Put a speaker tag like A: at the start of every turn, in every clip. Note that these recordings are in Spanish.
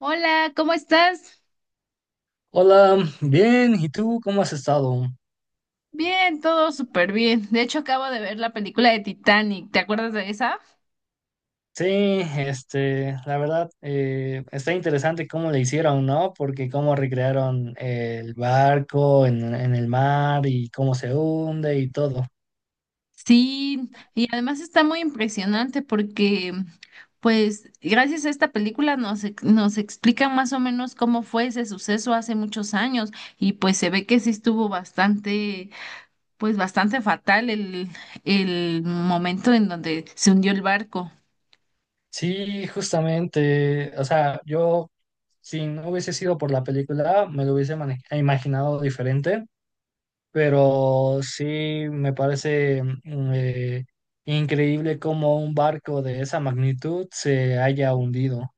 A: Hola, ¿cómo estás?
B: Hola, bien, ¿y tú cómo has estado?
A: Bien, todo súper bien. De hecho, acabo de ver la película de Titanic. ¿Te acuerdas de esa?
B: Sí, la verdad, está interesante cómo le hicieron, ¿no? Porque cómo recrearon el barco en el mar y cómo se hunde y todo.
A: Sí, y además está muy impresionante porque, pues, gracias a esta película nos, nos explica más o menos cómo fue ese suceso hace muchos años y pues se ve que sí estuvo bastante, pues, bastante fatal el momento en donde se hundió el barco.
B: Sí, justamente, o sea, yo si no hubiese sido por la película, me lo hubiese imaginado diferente, pero sí me parece increíble cómo un barco de esa magnitud se haya hundido.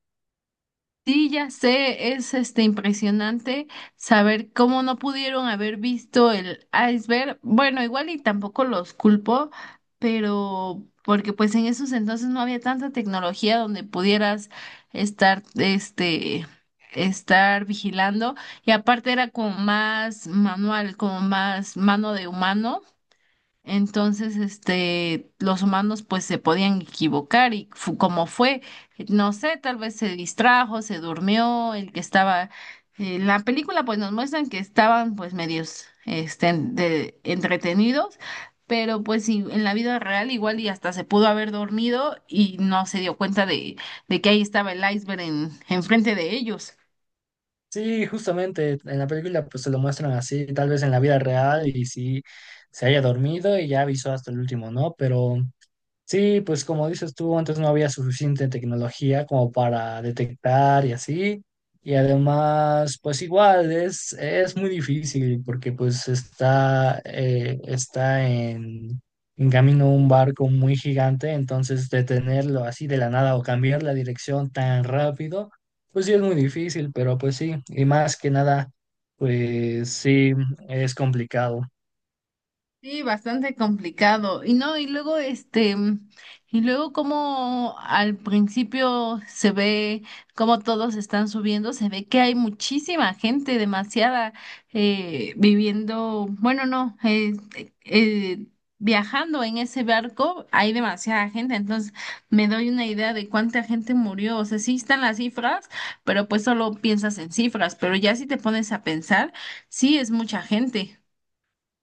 A: Sí, ya sé, es impresionante saber cómo no pudieron haber visto el iceberg. Bueno, igual y tampoco los culpo, pero porque pues en esos entonces no había tanta tecnología donde pudieras estar estar vigilando y aparte era como más manual, como más mano de humano. Entonces, los humanos pues se podían equivocar y como fue, no sé, tal vez se distrajo, se durmió, el que estaba, en la película pues nos muestran que estaban pues medios, entretenidos, pero pues sí, en la vida real igual y hasta se pudo haber dormido y no se dio cuenta de que ahí estaba el iceberg enfrente de ellos.
B: Sí, justamente en la película pues se lo muestran así, tal vez en la vida real y sí se haya dormido y ya avisó hasta el último, ¿no? Pero sí, pues como dices tú, antes no había suficiente tecnología como para detectar y así. Y además, pues igual es muy difícil porque pues está, está en camino un barco muy gigante, entonces detenerlo así de la nada o cambiar la dirección tan rápido, pues sí es muy difícil, pero pues sí, y más que nada, pues sí, es complicado.
A: Sí, bastante complicado. Y no, y luego y luego como al principio se ve como todos están subiendo, se ve que hay muchísima gente, demasiada, viviendo, bueno, no, eh, viajando en ese barco, hay demasiada gente. Entonces me doy una idea de cuánta gente murió. O sea, sí están las cifras, pero pues solo piensas en cifras. Pero ya si te pones a pensar, sí es mucha gente.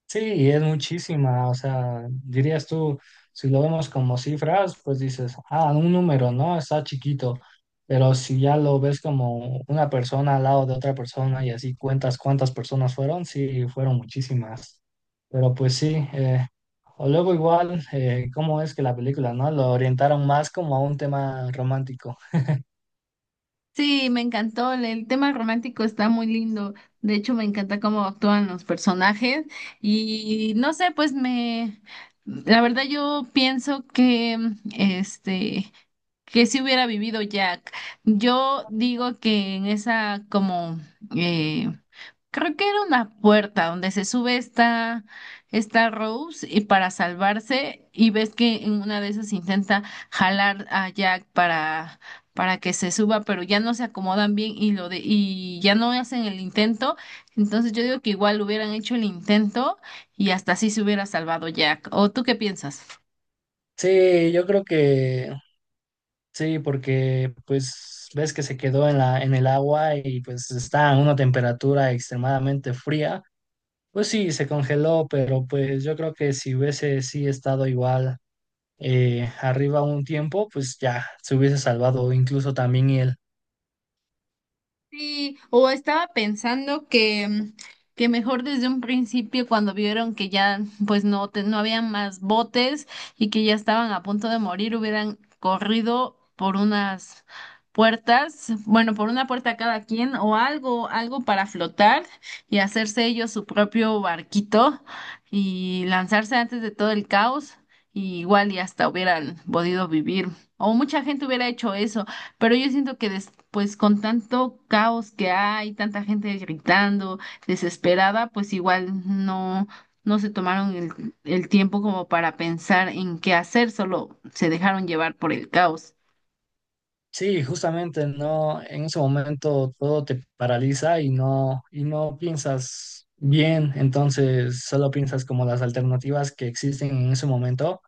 B: Sí, y es muchísima, o sea, dirías tú, si lo vemos como cifras, pues dices, ah, un número, ¿no? Está chiquito, pero si ya lo ves como una persona al lado de otra persona y así cuentas cuántas personas fueron, sí, fueron muchísimas, pero pues sí, o luego igual, ¿cómo es que la película, ¿no? Lo orientaron más como a un tema romántico.
A: Sí, me encantó. El tema romántico está muy lindo. De hecho, me encanta cómo actúan los personajes. Y no sé, pues me, la verdad yo pienso que, este, que si hubiera vivido Jack. Yo digo que en esa como eh, creo que era una puerta donde se sube esta Rose y para salvarse y ves que en una de esas intenta jalar a Jack para que se suba, pero ya no se acomodan bien y y ya no hacen el intento. Entonces yo digo que igual hubieran hecho el intento y hasta así se hubiera salvado Jack. ¿O tú qué piensas?
B: Sí, yo creo que sí, porque pues ves que se quedó en en el agua y pues está a una temperatura extremadamente fría. Pues sí, se congeló, pero pues yo creo que si hubiese sí estado igual arriba un tiempo, pues ya se hubiese salvado incluso también él.
A: Sí, o estaba pensando que, que mejor desde un principio cuando vieron que ya pues no, no había más botes y que ya estaban a punto de morir, hubieran corrido por unas puertas, bueno, por una puerta cada quien o algo para flotar y hacerse ellos su propio barquito y lanzarse antes de todo el caos y igual y hasta hubieran podido vivir o mucha gente hubiera hecho eso. Pero yo siento que después con tanto caos que hay, tanta gente gritando, desesperada, pues igual no, no se tomaron el tiempo como para pensar en qué hacer, solo se dejaron llevar por el caos.
B: Sí, justamente no, en ese momento todo te paraliza y no piensas bien, entonces solo piensas como las alternativas que existen en ese momento.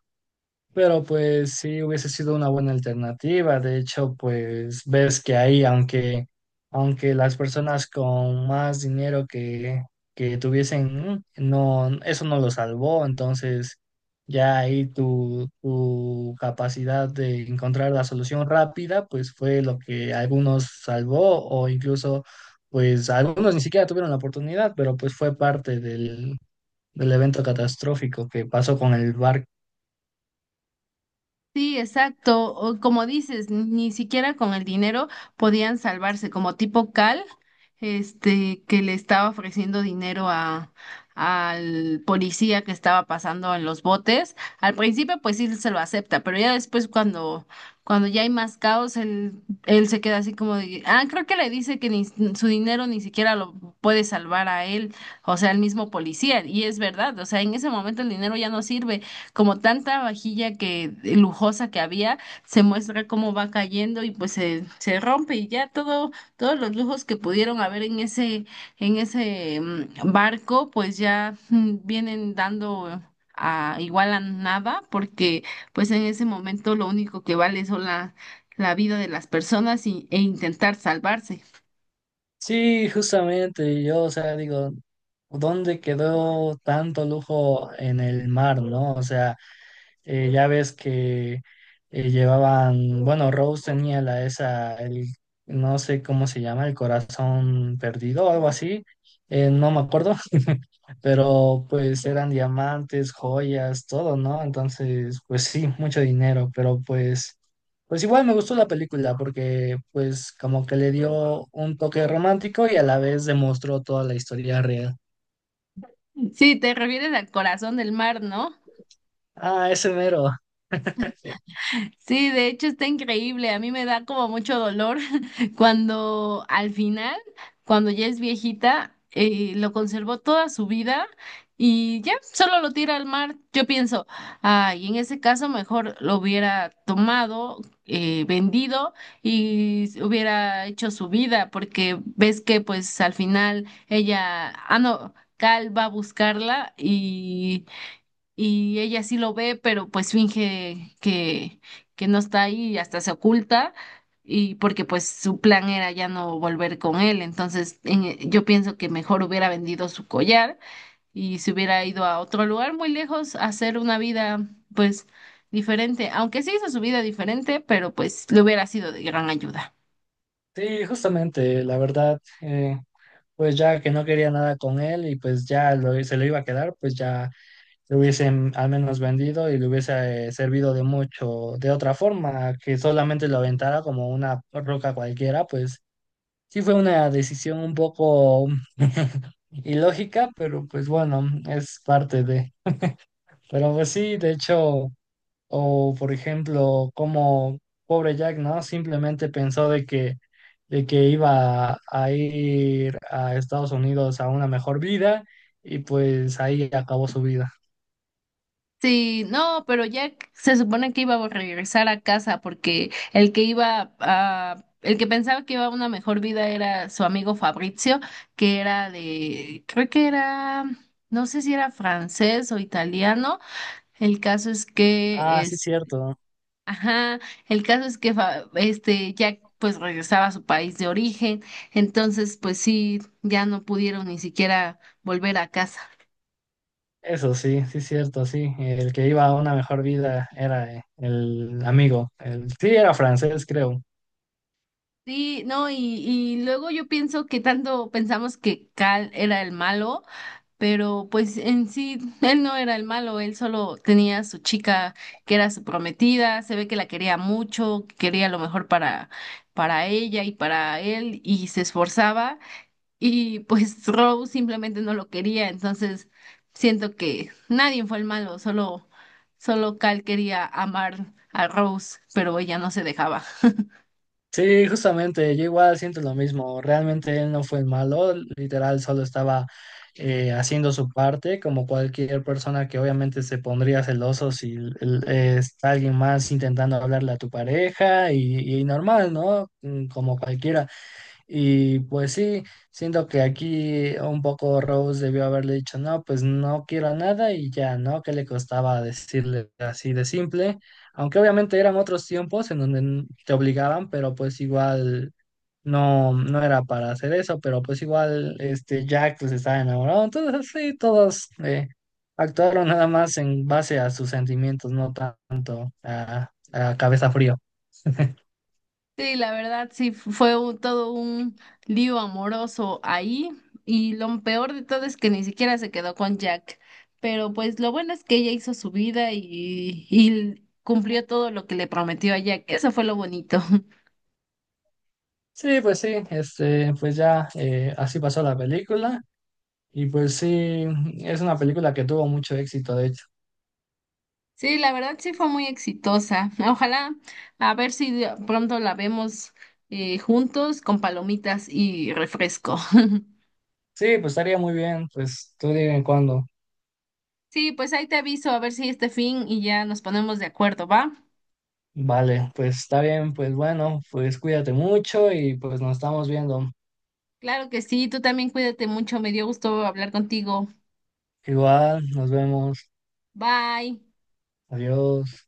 B: Pero pues sí hubiese sido una buena alternativa. De hecho, pues ves que ahí, aunque las personas con más dinero que tuviesen, no, eso no lo salvó. Entonces, ya ahí tu capacidad de encontrar la solución rápida, pues fue lo que algunos salvó, o incluso, pues algunos ni siquiera tuvieron la oportunidad, pero pues fue parte del evento catastrófico que pasó con el barco.
A: Sí, exacto. O como dices, ni siquiera con el dinero podían salvarse, como tipo Cal, que le estaba ofreciendo dinero a al policía que estaba pasando en los botes. Al principio, pues sí se lo acepta, pero ya después cuando ya hay más caos, él se queda así como de, ah, creo que le dice que ni su dinero ni siquiera lo puede salvar a él, o sea, al mismo policía. Y es verdad, o sea, en ese momento el dinero ya no sirve como tanta vajilla que lujosa que había, se muestra cómo va cayendo y pues se rompe y ya todo, todos los lujos que pudieron haber en ese barco, pues ya vienen dando a igual a nada, porque pues en ese momento lo único que vale son la vida de las personas e intentar salvarse.
B: Sí, justamente, yo, o sea, digo, ¿dónde quedó tanto lujo en el mar, no? O sea, ya ves que llevaban, bueno, Rose tenía la esa, el, no sé cómo se llama, el corazón perdido o algo así, no me acuerdo, pero pues eran diamantes, joyas, todo, ¿no? Entonces, pues sí, mucho dinero, pero pues igual me gustó la película porque pues como que le dio un toque romántico y a la vez demostró toda la historia real.
A: Sí, te refieres al corazón del mar, ¿no?
B: Ah, ese mero.
A: Sí, de hecho está increíble. A mí me da como mucho dolor cuando al final, cuando ya es viejita, lo conservó toda su vida y ya solo lo tira al mar. Yo pienso, ay, en ese caso mejor lo hubiera tomado, vendido y hubiera hecho su vida, porque ves que pues al final ella, ah, no, Cal va a buscarla y ella sí lo ve, pero pues finge que no está ahí y hasta se oculta y porque pues su plan era ya no volver con él, entonces yo pienso que mejor hubiera vendido su collar y se hubiera ido a otro lugar muy lejos a hacer una vida pues diferente, aunque sí hizo su vida diferente, pero pues le hubiera sido de gran ayuda.
B: Sí, justamente, la verdad, pues ya que no quería nada con él y pues ya se lo iba a quedar, pues ya lo hubiesen al menos vendido y le hubiese servido de mucho de otra forma, que solamente lo aventara como una roca cualquiera, pues sí fue una decisión un poco ilógica, pero pues bueno, es parte de. Pero pues sí, de hecho. O, por ejemplo, como pobre Jack, ¿no? Simplemente pensó de que iba a ir a Estados Unidos a una mejor vida y pues ahí acabó su vida.
A: Sí, no, pero Jack se supone que iba a regresar a casa porque el que pensaba que iba a una mejor vida era su amigo Fabrizio, que era de, creo que era, no sé si era francés o italiano. El caso es
B: Ah,
A: que
B: sí,
A: es,
B: cierto.
A: ajá, el caso es que Jack pues regresaba a su país de origen, entonces pues sí, ya no pudieron ni siquiera volver a casa.
B: Eso sí, sí, cierto, sí. El que iba a una mejor vida era el amigo. El, sí, era francés, creo.
A: Sí, no, y luego yo pienso que tanto pensamos que Cal era el malo, pero pues en sí él no era el malo, él solo tenía a su chica que era su prometida, se ve que la quería mucho, que quería lo mejor para ella y para él, y se esforzaba, y pues Rose simplemente no lo quería, entonces siento que nadie fue el malo, solo, solo Cal quería amar a Rose, pero ella no se dejaba.
B: Sí, justamente, yo igual siento lo mismo. Realmente él no fue el malo, literal, solo estaba haciendo su parte, como cualquier persona que obviamente se pondría celoso si es alguien más intentando hablarle a tu pareja y normal, ¿no? Mm, como cualquiera. Y pues sí, siento que aquí un poco Rose debió haberle dicho, no, pues no quiero nada y ya, ¿no? ¿Qué le costaba decirle así de simple? Aunque obviamente eran otros tiempos en donde te obligaban, pero pues igual no, no era para hacer eso, pero pues igual este Jack pues estaba enamorado, entonces sí, todos actuaron nada más en base a sus sentimientos, no tanto a, cabeza frío.
A: Sí, la verdad, todo un lío amoroso ahí y lo peor de todo es que ni siquiera se quedó con Jack, pero pues lo bueno es que ella hizo su vida y cumplió todo lo que le prometió a Jack, eso fue lo bonito.
B: Sí, pues sí, pues ya así pasó la película. Y pues sí, es una película que tuvo mucho éxito, de hecho.
A: Sí, la verdad sí fue muy exitosa. Ojalá a ver si pronto la vemos juntos con palomitas y refresco.
B: Sí, pues estaría muy bien, pues tú dime cuándo.
A: Sí, pues ahí te aviso a ver si este fin y ya nos ponemos de acuerdo, ¿va?
B: Vale, pues está bien, pues bueno, pues cuídate mucho y pues nos estamos viendo.
A: Claro que sí, tú también cuídate mucho, me dio gusto hablar contigo.
B: Igual, nos vemos.
A: Bye.
B: Adiós.